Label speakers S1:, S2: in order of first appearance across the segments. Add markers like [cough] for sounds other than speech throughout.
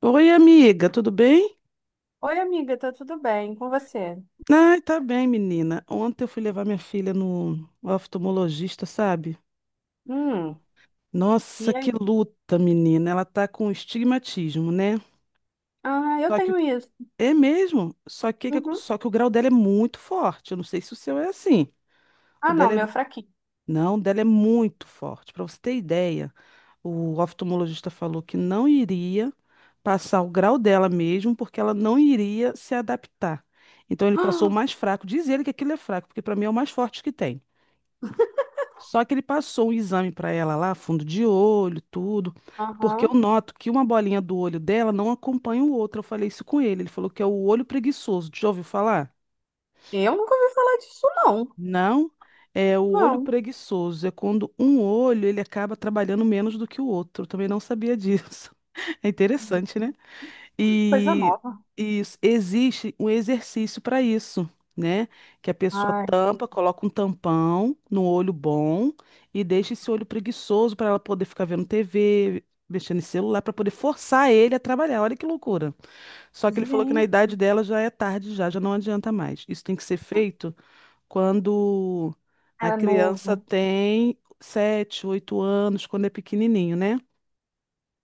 S1: Oi, amiga, tudo bem?
S2: Oi, amiga, tá tudo bem com você?
S1: Ai, tá bem, menina. Ontem eu fui levar minha filha no oftalmologista, sabe?
S2: Hum,
S1: Nossa,
S2: e
S1: que
S2: aí?
S1: luta, menina. Ela tá com estigmatismo, né?
S2: Ah, eu
S1: Só que
S2: tenho isso.
S1: é mesmo, só que
S2: Uhum.
S1: só que o grau dela é muito forte. Eu não sei se o seu é assim. O
S2: Ah, não,
S1: dela é
S2: meu fraquinho.
S1: Não, o dela é muito forte. Para você ter ideia, o oftalmologista falou que não iria passar o grau dela mesmo, porque ela não iria se adaptar. Então ele
S2: [gasps]
S1: passou o
S2: Ah.
S1: mais fraco. Diz ele que aquilo é fraco, porque para mim é o mais forte que tem. Só que ele passou um exame para ela lá, fundo de olho, tudo, porque eu
S2: Aham.
S1: noto que uma bolinha do olho dela não acompanha o outro. Eu falei isso com ele. Ele falou que é o olho preguiçoso. Já ouviu falar?
S2: Eu nunca ouvi falar disso, não.
S1: Não, é o olho
S2: Não.
S1: preguiçoso. É quando um olho ele acaba trabalhando menos do que o outro. Eu também não sabia disso. [laughs] É interessante, né?
S2: Coisa
S1: E,
S2: nova.
S1: existe um exercício para isso, né? Que a pessoa
S2: Ai, sim.
S1: tampa, coloca um tampão no olho bom e deixa esse olho preguiçoso para ela poder ficar vendo TV, mexendo em celular, para poder forçar ele a trabalhar. Olha que loucura. Só que ele falou que na
S2: Gente,
S1: idade dela já é tarde já, já não adianta mais. Isso tem que ser feito quando a
S2: é
S1: criança
S2: novo.
S1: tem 7, 8 anos, quando é pequenininho, né?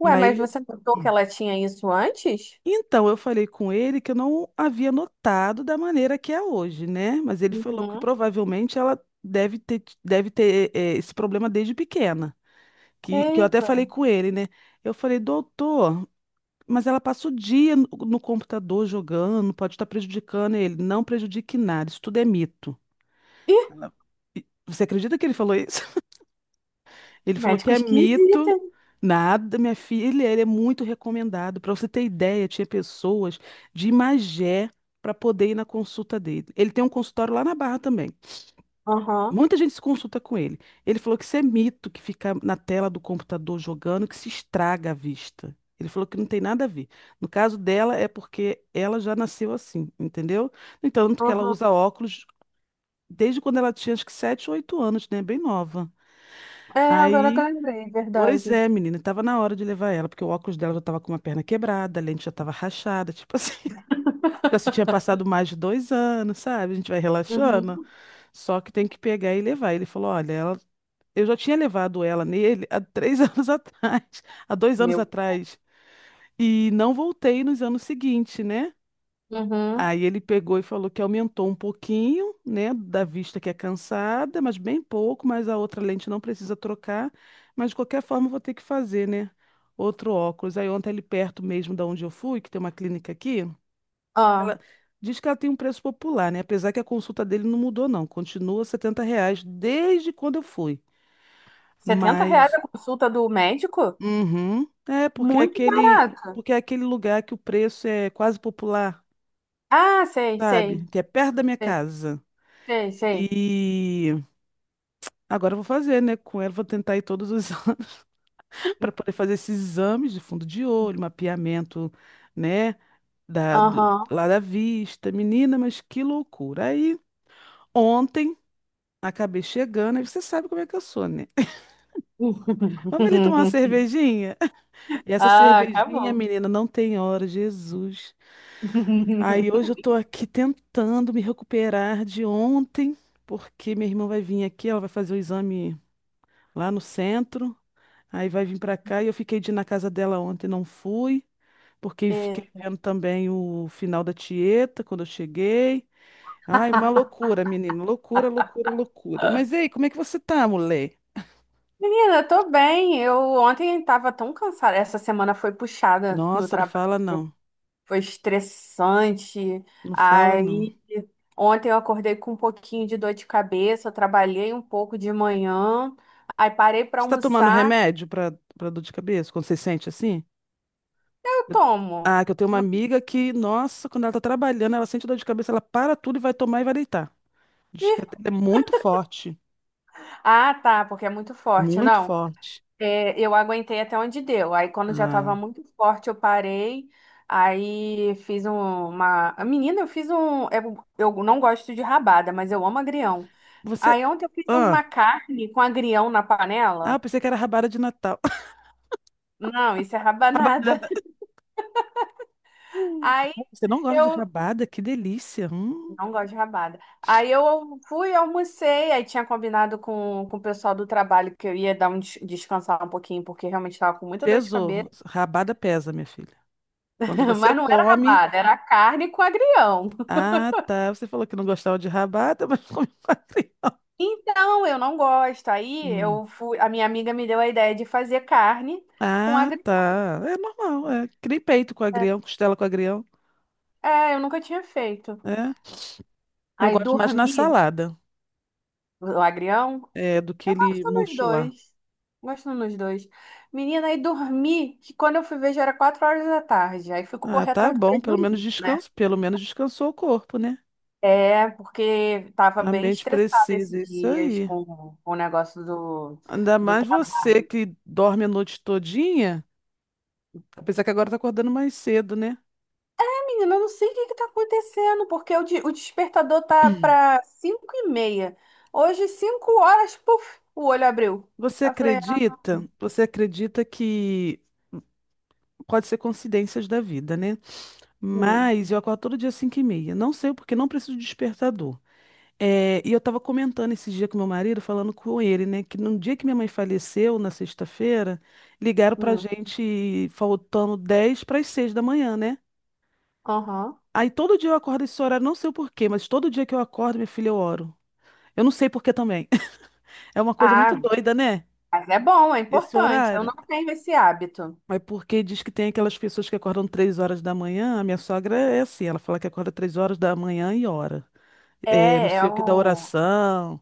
S2: Ué,
S1: Aí
S2: mas
S1: ele...
S2: você notou que
S1: Hum.
S2: ela tinha isso antes?
S1: Então, eu falei com ele que eu não havia notado da maneira que é hoje, né? Mas ele falou que
S2: Uhum.
S1: provavelmente ela deve ter esse problema desde pequena. Que eu até falei
S2: Eita.
S1: com ele, né? Eu falei, doutor, mas ela passa o dia no computador jogando, pode estar prejudicando ele. Não prejudique nada, isso tudo é mito.
S2: Ih,
S1: Ela, você acredita que ele falou isso? Ele falou que
S2: médico
S1: é
S2: esquisito,
S1: mito.
S2: hein?
S1: Nada, minha filha, ele é muito recomendado. Para você ter ideia, tinha pessoas de Magé para poder ir na consulta dele. Ele tem um consultório lá na Barra também.
S2: Aham,
S1: Muita gente se consulta com ele. Ele falou que isso é mito, que fica na tela do computador jogando, que se estraga a vista. Ele falou que não tem nada a ver. No caso dela, é porque ela já nasceu assim, entendeu? No entanto, que ela
S2: aham.
S1: usa óculos desde quando ela tinha acho que 7 ou 8 anos, né? Bem nova.
S2: É, agora que eu
S1: Aí.
S2: lembrei,
S1: Pois
S2: verdade.
S1: é, menina, tava na hora de levar ela, porque o óculos dela já tava com uma perna quebrada, a lente já tava rachada, tipo assim, [laughs] já se tinha passado
S2: [laughs]
S1: mais de 2 anos, sabe? A gente vai relaxando,
S2: Uhum.
S1: só que tem que pegar e levar. Ele falou, olha, ela... eu já tinha levado ela nele há 3 [laughs] anos atrás, há dois anos
S2: Meu.
S1: atrás, e não voltei nos anos seguintes, né?
S2: Uhum.
S1: Aí ele pegou e falou que aumentou um pouquinho, né, da vista que é cansada, mas bem pouco, mas a outra lente não precisa trocar, mas de qualquer forma eu vou ter que fazer, né, outro óculos. Aí ontem ali perto mesmo da onde eu fui, que tem uma clínica aqui,
S2: Ah.
S1: ela diz que ela tem um preço popular, né, apesar que a consulta dele não mudou não, continua R$70 desde quando eu fui,
S2: R$ 70
S1: mas,
S2: a consulta do médico?
S1: uhum, é
S2: Muito barato.
S1: porque é aquele lugar que o preço é quase popular,
S2: Ah, sei,
S1: sabe,
S2: sei,
S1: que é perto da minha
S2: sei,
S1: casa.
S2: sei, sei.
S1: E agora eu vou fazer, né? Com ela, vou tentar ir todos os [laughs] anos para poder fazer esses exames de fundo de olho, mapeamento, né?
S2: Aham.
S1: Lá da vista. Menina, mas que loucura. Aí, ontem, acabei chegando, aí você sabe como é que eu sou, né? [laughs] Vamos ali tomar uma
S2: [laughs]
S1: cervejinha? [laughs] E essa
S2: Ah,
S1: cervejinha,
S2: acabou.
S1: menina, não tem hora, Jesus. Aí hoje eu
S2: [laughs]
S1: tô aqui tentando me recuperar de ontem, porque minha irmã vai vir aqui, ela vai fazer o exame lá no centro. Aí vai vir pra cá e eu fiquei de ir na casa dela ontem, não fui, porque fiquei
S2: É.
S1: vendo também o final da Tieta quando eu cheguei. Ai, uma loucura, menino, loucura, loucura, loucura. Mas ei, como é que você tá, mulher?
S2: Menina, eu tô bem. Eu ontem tava tão cansada. Essa semana foi puxada no
S1: Nossa, não
S2: trabalho.
S1: fala não,
S2: Foi estressante.
S1: não fala não.
S2: Aí ontem eu acordei com um pouquinho de dor de cabeça. Eu trabalhei um pouco de manhã. Aí parei pra
S1: Você tá tomando
S2: almoçar.
S1: remédio pra dor de cabeça, quando você sente assim?
S2: Eu
S1: Eu-
S2: tomo.
S1: Ah, que eu tenho uma
S2: Mas,
S1: amiga que, nossa, quando ela tá trabalhando, ela sente dor de cabeça, ela para tudo e vai tomar e vai deitar. Diz
S2: e.
S1: que até é muito forte,
S2: Ah, tá, porque é muito forte.
S1: muito
S2: Não,
S1: forte.
S2: é, eu aguentei até onde deu. Aí, quando já tava
S1: Ah,
S2: muito forte, eu parei. Aí, fiz uma. Menina, eu fiz um. É, eu não gosto de rabada, mas eu amo agrião.
S1: você.
S2: Aí, ontem, eu fiz
S1: Ah,
S2: uma carne com agrião na
S1: ah, eu
S2: panela.
S1: pensei que era rabada de Natal. [laughs]
S2: Não, isso é rabanada.
S1: Rabanada.
S2: [laughs]
S1: Hum,
S2: Aí,
S1: Você não gosta de
S2: eu.
S1: rabada? Que delícia.
S2: Não gosto de rabada. Aí, eu fui, almocei. Aí, tinha combinado com o pessoal do trabalho que eu ia dar um descansar um pouquinho, porque realmente tava com muita dor de
S1: Pesou.
S2: cabeça.
S1: Rabada pesa, minha filha. Quando
S2: [laughs]
S1: você
S2: Mas não era
S1: come.
S2: rabada, era carne com agrião.
S1: Ah, tá. Você falou que não gostava de rabada, mas [laughs] come com agrião.
S2: Então, eu não gosto. Aí
S1: Hum.
S2: eu fui, a minha amiga me deu a ideia de fazer carne com
S1: Ah,
S2: agrião.
S1: tá. É normal. É. Que nem peito com agrião, costela com agrião.
S2: É, eu nunca tinha feito.
S1: É. Eu
S2: Aí
S1: gosto mais na
S2: dormi,
S1: salada,
S2: o agrião.
S1: é, do que
S2: Eu
S1: ele
S2: gosto nos
S1: murcho lá.
S2: dois. Gosto nos dois. Menina, aí dormi, que quando eu fui ver já era 4 horas da tarde. Aí fui
S1: Ah,
S2: correr
S1: tá
S2: atrás do
S1: bom. Pelo menos
S2: prejuízo, né?
S1: descanso. Pelo menos descansou o corpo, né?
S2: É, porque tava
S1: A
S2: bem
S1: mente
S2: estressada esses
S1: precisa. Isso
S2: dias
S1: aí.
S2: com o negócio do,
S1: Ainda
S2: do
S1: mais você que dorme a noite todinha, apesar que agora tá acordando mais cedo, né?
S2: Menina, eu não sei o que está acontecendo, porque o despertador tá para 5h30. Hoje, 5h, puf, o olho abriu.
S1: Você
S2: Aí eu falei, ah,
S1: acredita? Você acredita que pode ser coincidências da vida, né?
S2: hum,
S1: Mas eu acordo todo dia 5h30. Não sei porque não preciso de despertador. É, e eu estava comentando esse dia com meu marido, falando com ele, né? Que no dia que minha mãe faleceu, na sexta-feira, ligaram pra
S2: hum,
S1: gente faltando 5h50, né?
S2: aham.
S1: Aí todo dia eu acordo esse horário, não sei o porquê, mas todo dia que eu acordo, minha filha, eu oro. Eu não sei por que também. [laughs] É uma coisa
S2: Ah,
S1: muito doida, né?
S2: mas é bom, é
S1: Esse
S2: importante. Eu
S1: horário.
S2: não tenho esse hábito.
S1: Mas porque diz que tem aquelas pessoas que acordam 3 horas da manhã. A minha sogra é assim, ela fala que acorda 3 horas da manhã e ora. É, não
S2: É, é
S1: sei o que da
S2: um,
S1: oração.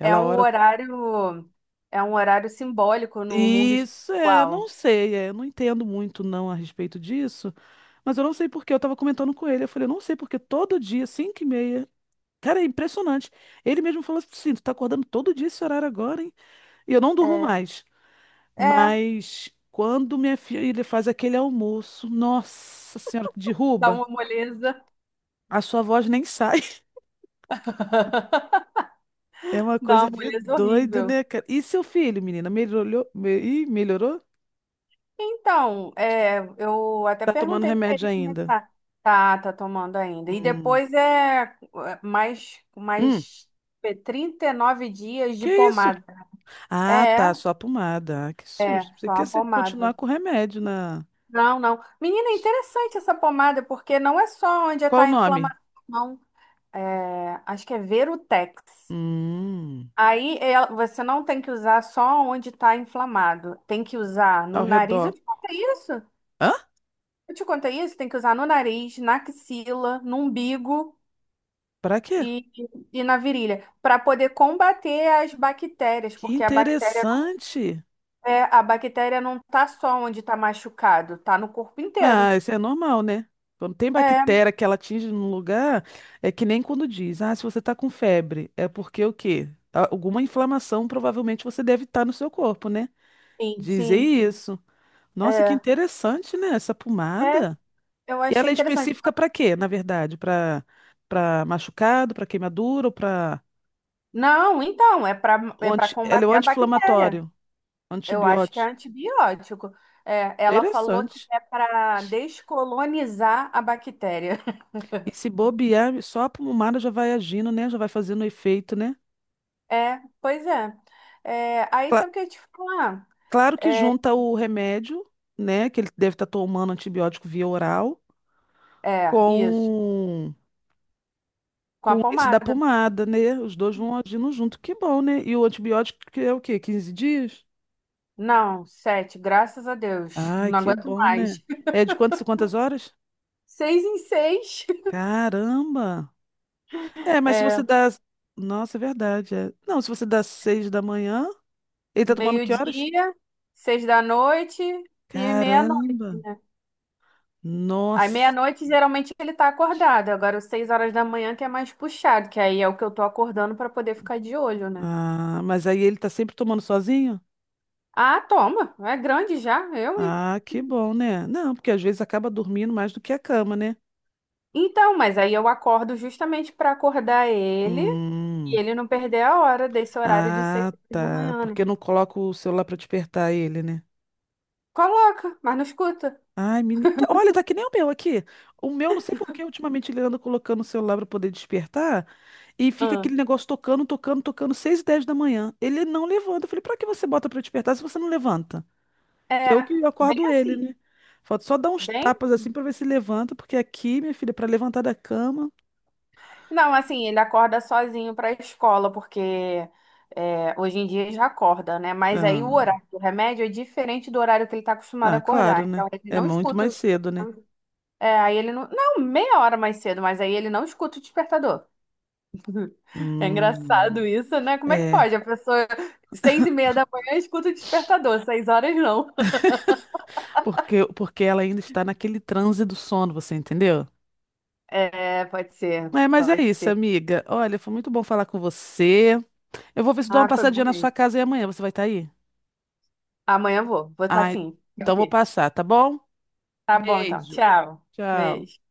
S2: é um
S1: ora.
S2: horário, é um horário simbólico no mundo
S1: Isso, é, não
S2: espiritual.
S1: sei, é, eu não entendo muito não a respeito disso. Mas eu não sei por que. Eu tava comentando com ele. Eu falei, eu não sei porque todo dia, cinco e meia. Cara, é impressionante. Ele mesmo falou assim: tu tá acordando todo dia esse horário agora, hein? E eu não durmo
S2: É,
S1: mais.
S2: é,
S1: Mas quando minha filha faz aquele almoço, nossa senhora, que
S2: dá
S1: derruba.
S2: uma moleza,
S1: A sua voz nem sai. [laughs] É uma
S2: dá
S1: coisa
S2: uma
S1: de
S2: moleza
S1: doido,
S2: horrível.
S1: né, cara? E seu filho, menina, melhorou? Ih, melhorou?
S2: Então, é, eu até
S1: Tá tomando
S2: perguntei para
S1: remédio
S2: ele como é que
S1: ainda?
S2: tá. Tá tomando ainda. E
S1: Hum.
S2: depois mais,
S1: Hum.
S2: mais 39 dias
S1: Que
S2: de
S1: isso?
S2: pomada.
S1: Ah,
S2: É,
S1: tá, só a pomada. Ah, que
S2: é,
S1: susto. Você
S2: só
S1: quer
S2: uma
S1: continuar
S2: pomada.
S1: com o remédio na.
S2: Não, não. Menina, é interessante essa pomada, porque não é só onde está
S1: Qual o
S2: a
S1: nome?
S2: inflamação, não. É, acho que é Verutex.
S1: Hum.
S2: Aí você não tem que usar só onde está inflamado. Tem que usar no
S1: Ao
S2: nariz.
S1: redor.
S2: Eu te contei isso?
S1: Hã?
S2: Eu te contei isso, tem que usar no nariz, na axila, no umbigo
S1: Pra quê?
S2: e, e na virilha, para poder combater as bactérias,
S1: Que
S2: porque a bactéria não
S1: interessante.
S2: é, a bactéria não tá só onde tá machucado, tá no corpo inteiro.
S1: Ah, isso é normal, né? Quando tem
S2: É,
S1: bactéria que ela atinge num lugar, é que nem quando diz, ah, se você tá com febre, é porque o quê? Alguma inflamação provavelmente você deve estar no seu corpo, né?
S2: sim,
S1: Dizer
S2: sim,
S1: isso. Nossa, que
S2: é,
S1: interessante, né? Essa
S2: é,
S1: pomada.
S2: eu
S1: E ela
S2: achei
S1: é
S2: interessante.
S1: específica pra quê, na verdade? Pra para machucado, pra queimadura ou para
S2: Não, então, é para
S1: o
S2: é para
S1: anti... ela é o
S2: combater a bactéria.
S1: anti-inflamatório,
S2: Eu acho que é
S1: antibiótico.
S2: antibiótico. É, ela falou que
S1: Interessante.
S2: é para descolonizar a bactéria.
S1: E se bobear, só a pomada já vai agindo, né? Já vai fazendo efeito, né?
S2: É, pois é. É, aí
S1: Cla-
S2: sabe o que eu ia te falar?
S1: Claro que
S2: É,
S1: junta o remédio, né, que ele deve estar tomando antibiótico via oral,
S2: é, isso.
S1: com
S2: Com a
S1: com esse da
S2: pomada.
S1: pomada, né? Os dois vão agindo junto, que bom, né? E o antibiótico que é o quê? 15 dias?
S2: Não, sete, graças a Deus.
S1: Ai,
S2: Não
S1: que
S2: aguento
S1: bom, né?
S2: mais. [laughs]
S1: É de quantas horas?
S2: 6 em 6. [laughs]
S1: Caramba! É, mas se você
S2: É,
S1: dá. Nossa, é verdade. É. Não, se você dá 6 da manhã, ele tá tomando que horas?
S2: meio-dia, 6 da noite e meia-noite,
S1: Caramba!
S2: né? Aí
S1: Nossa!
S2: meia-noite geralmente ele tá acordado. Agora, às 6 horas da manhã que é mais puxado, que aí é o que eu tô acordando pra poder ficar de olho, né?
S1: Ah, mas aí ele tá sempre tomando sozinho?
S2: Ah, toma. É grande já, eu, hein?
S1: Ah, que bom, né? Não, porque às vezes acaba dormindo mais do que a cama, né?
S2: Então, mas aí eu acordo justamente pra acordar ele e
S1: Hum.
S2: ele não perder a hora desse horário de seis
S1: Ah,
S2: horas da
S1: tá.
S2: manhã,
S1: Porque eu
S2: né?
S1: não coloco o celular pra despertar ele, né?
S2: Coloca, mas não escuta.
S1: Ai, menina. Olha, tá que nem o meu aqui. O meu, não sei por que, ultimamente ele anda colocando o celular pra poder despertar e fica
S2: Ah.
S1: aquele negócio tocando, tocando, tocando, 6h10. Ele não levanta. Eu falei, pra que você bota pra despertar se você não levanta? Que é
S2: É,
S1: o que
S2: bem
S1: acordo ele,
S2: assim,
S1: né? Falta só dar uns
S2: bem.
S1: tapas assim pra ver se levanta, porque aqui, minha filha, pra levantar da cama.
S2: Não, assim, ele acorda sozinho para a escola, porque é, hoje em dia já acorda, né? Mas aí o
S1: Ah.
S2: horário do remédio é diferente do horário que ele está acostumado a
S1: Ah,
S2: acordar.
S1: claro,
S2: Então
S1: né?
S2: ele
S1: É
S2: não
S1: muito mais
S2: escuta.
S1: cedo, né?
S2: É, aí ele não. Não, meia hora mais cedo, mas aí ele não escuta o despertador. É engraçado
S1: Hum,
S2: isso, né? Como é que
S1: é,
S2: pode? A pessoa, 6h30 da manhã, escuta o despertador, 6 horas não.
S1: porque ela ainda está naquele transe do sono, você entendeu?
S2: É, pode ser,
S1: É, mas é
S2: pode
S1: isso,
S2: ser.
S1: amiga. Olha, foi muito bom falar com você. Eu vou ver se dou uma
S2: Ah, foi bom
S1: passadinha na
S2: mesmo.
S1: sua casa e amanhã você vai estar aí?
S2: Amanhã eu vou estar
S1: Ah,
S2: sim. Pode
S1: então vou
S2: ver.
S1: passar, tá bom?
S2: Tá bom, então.
S1: Beijo.
S2: Tchau.
S1: Tchau.
S2: Beijo.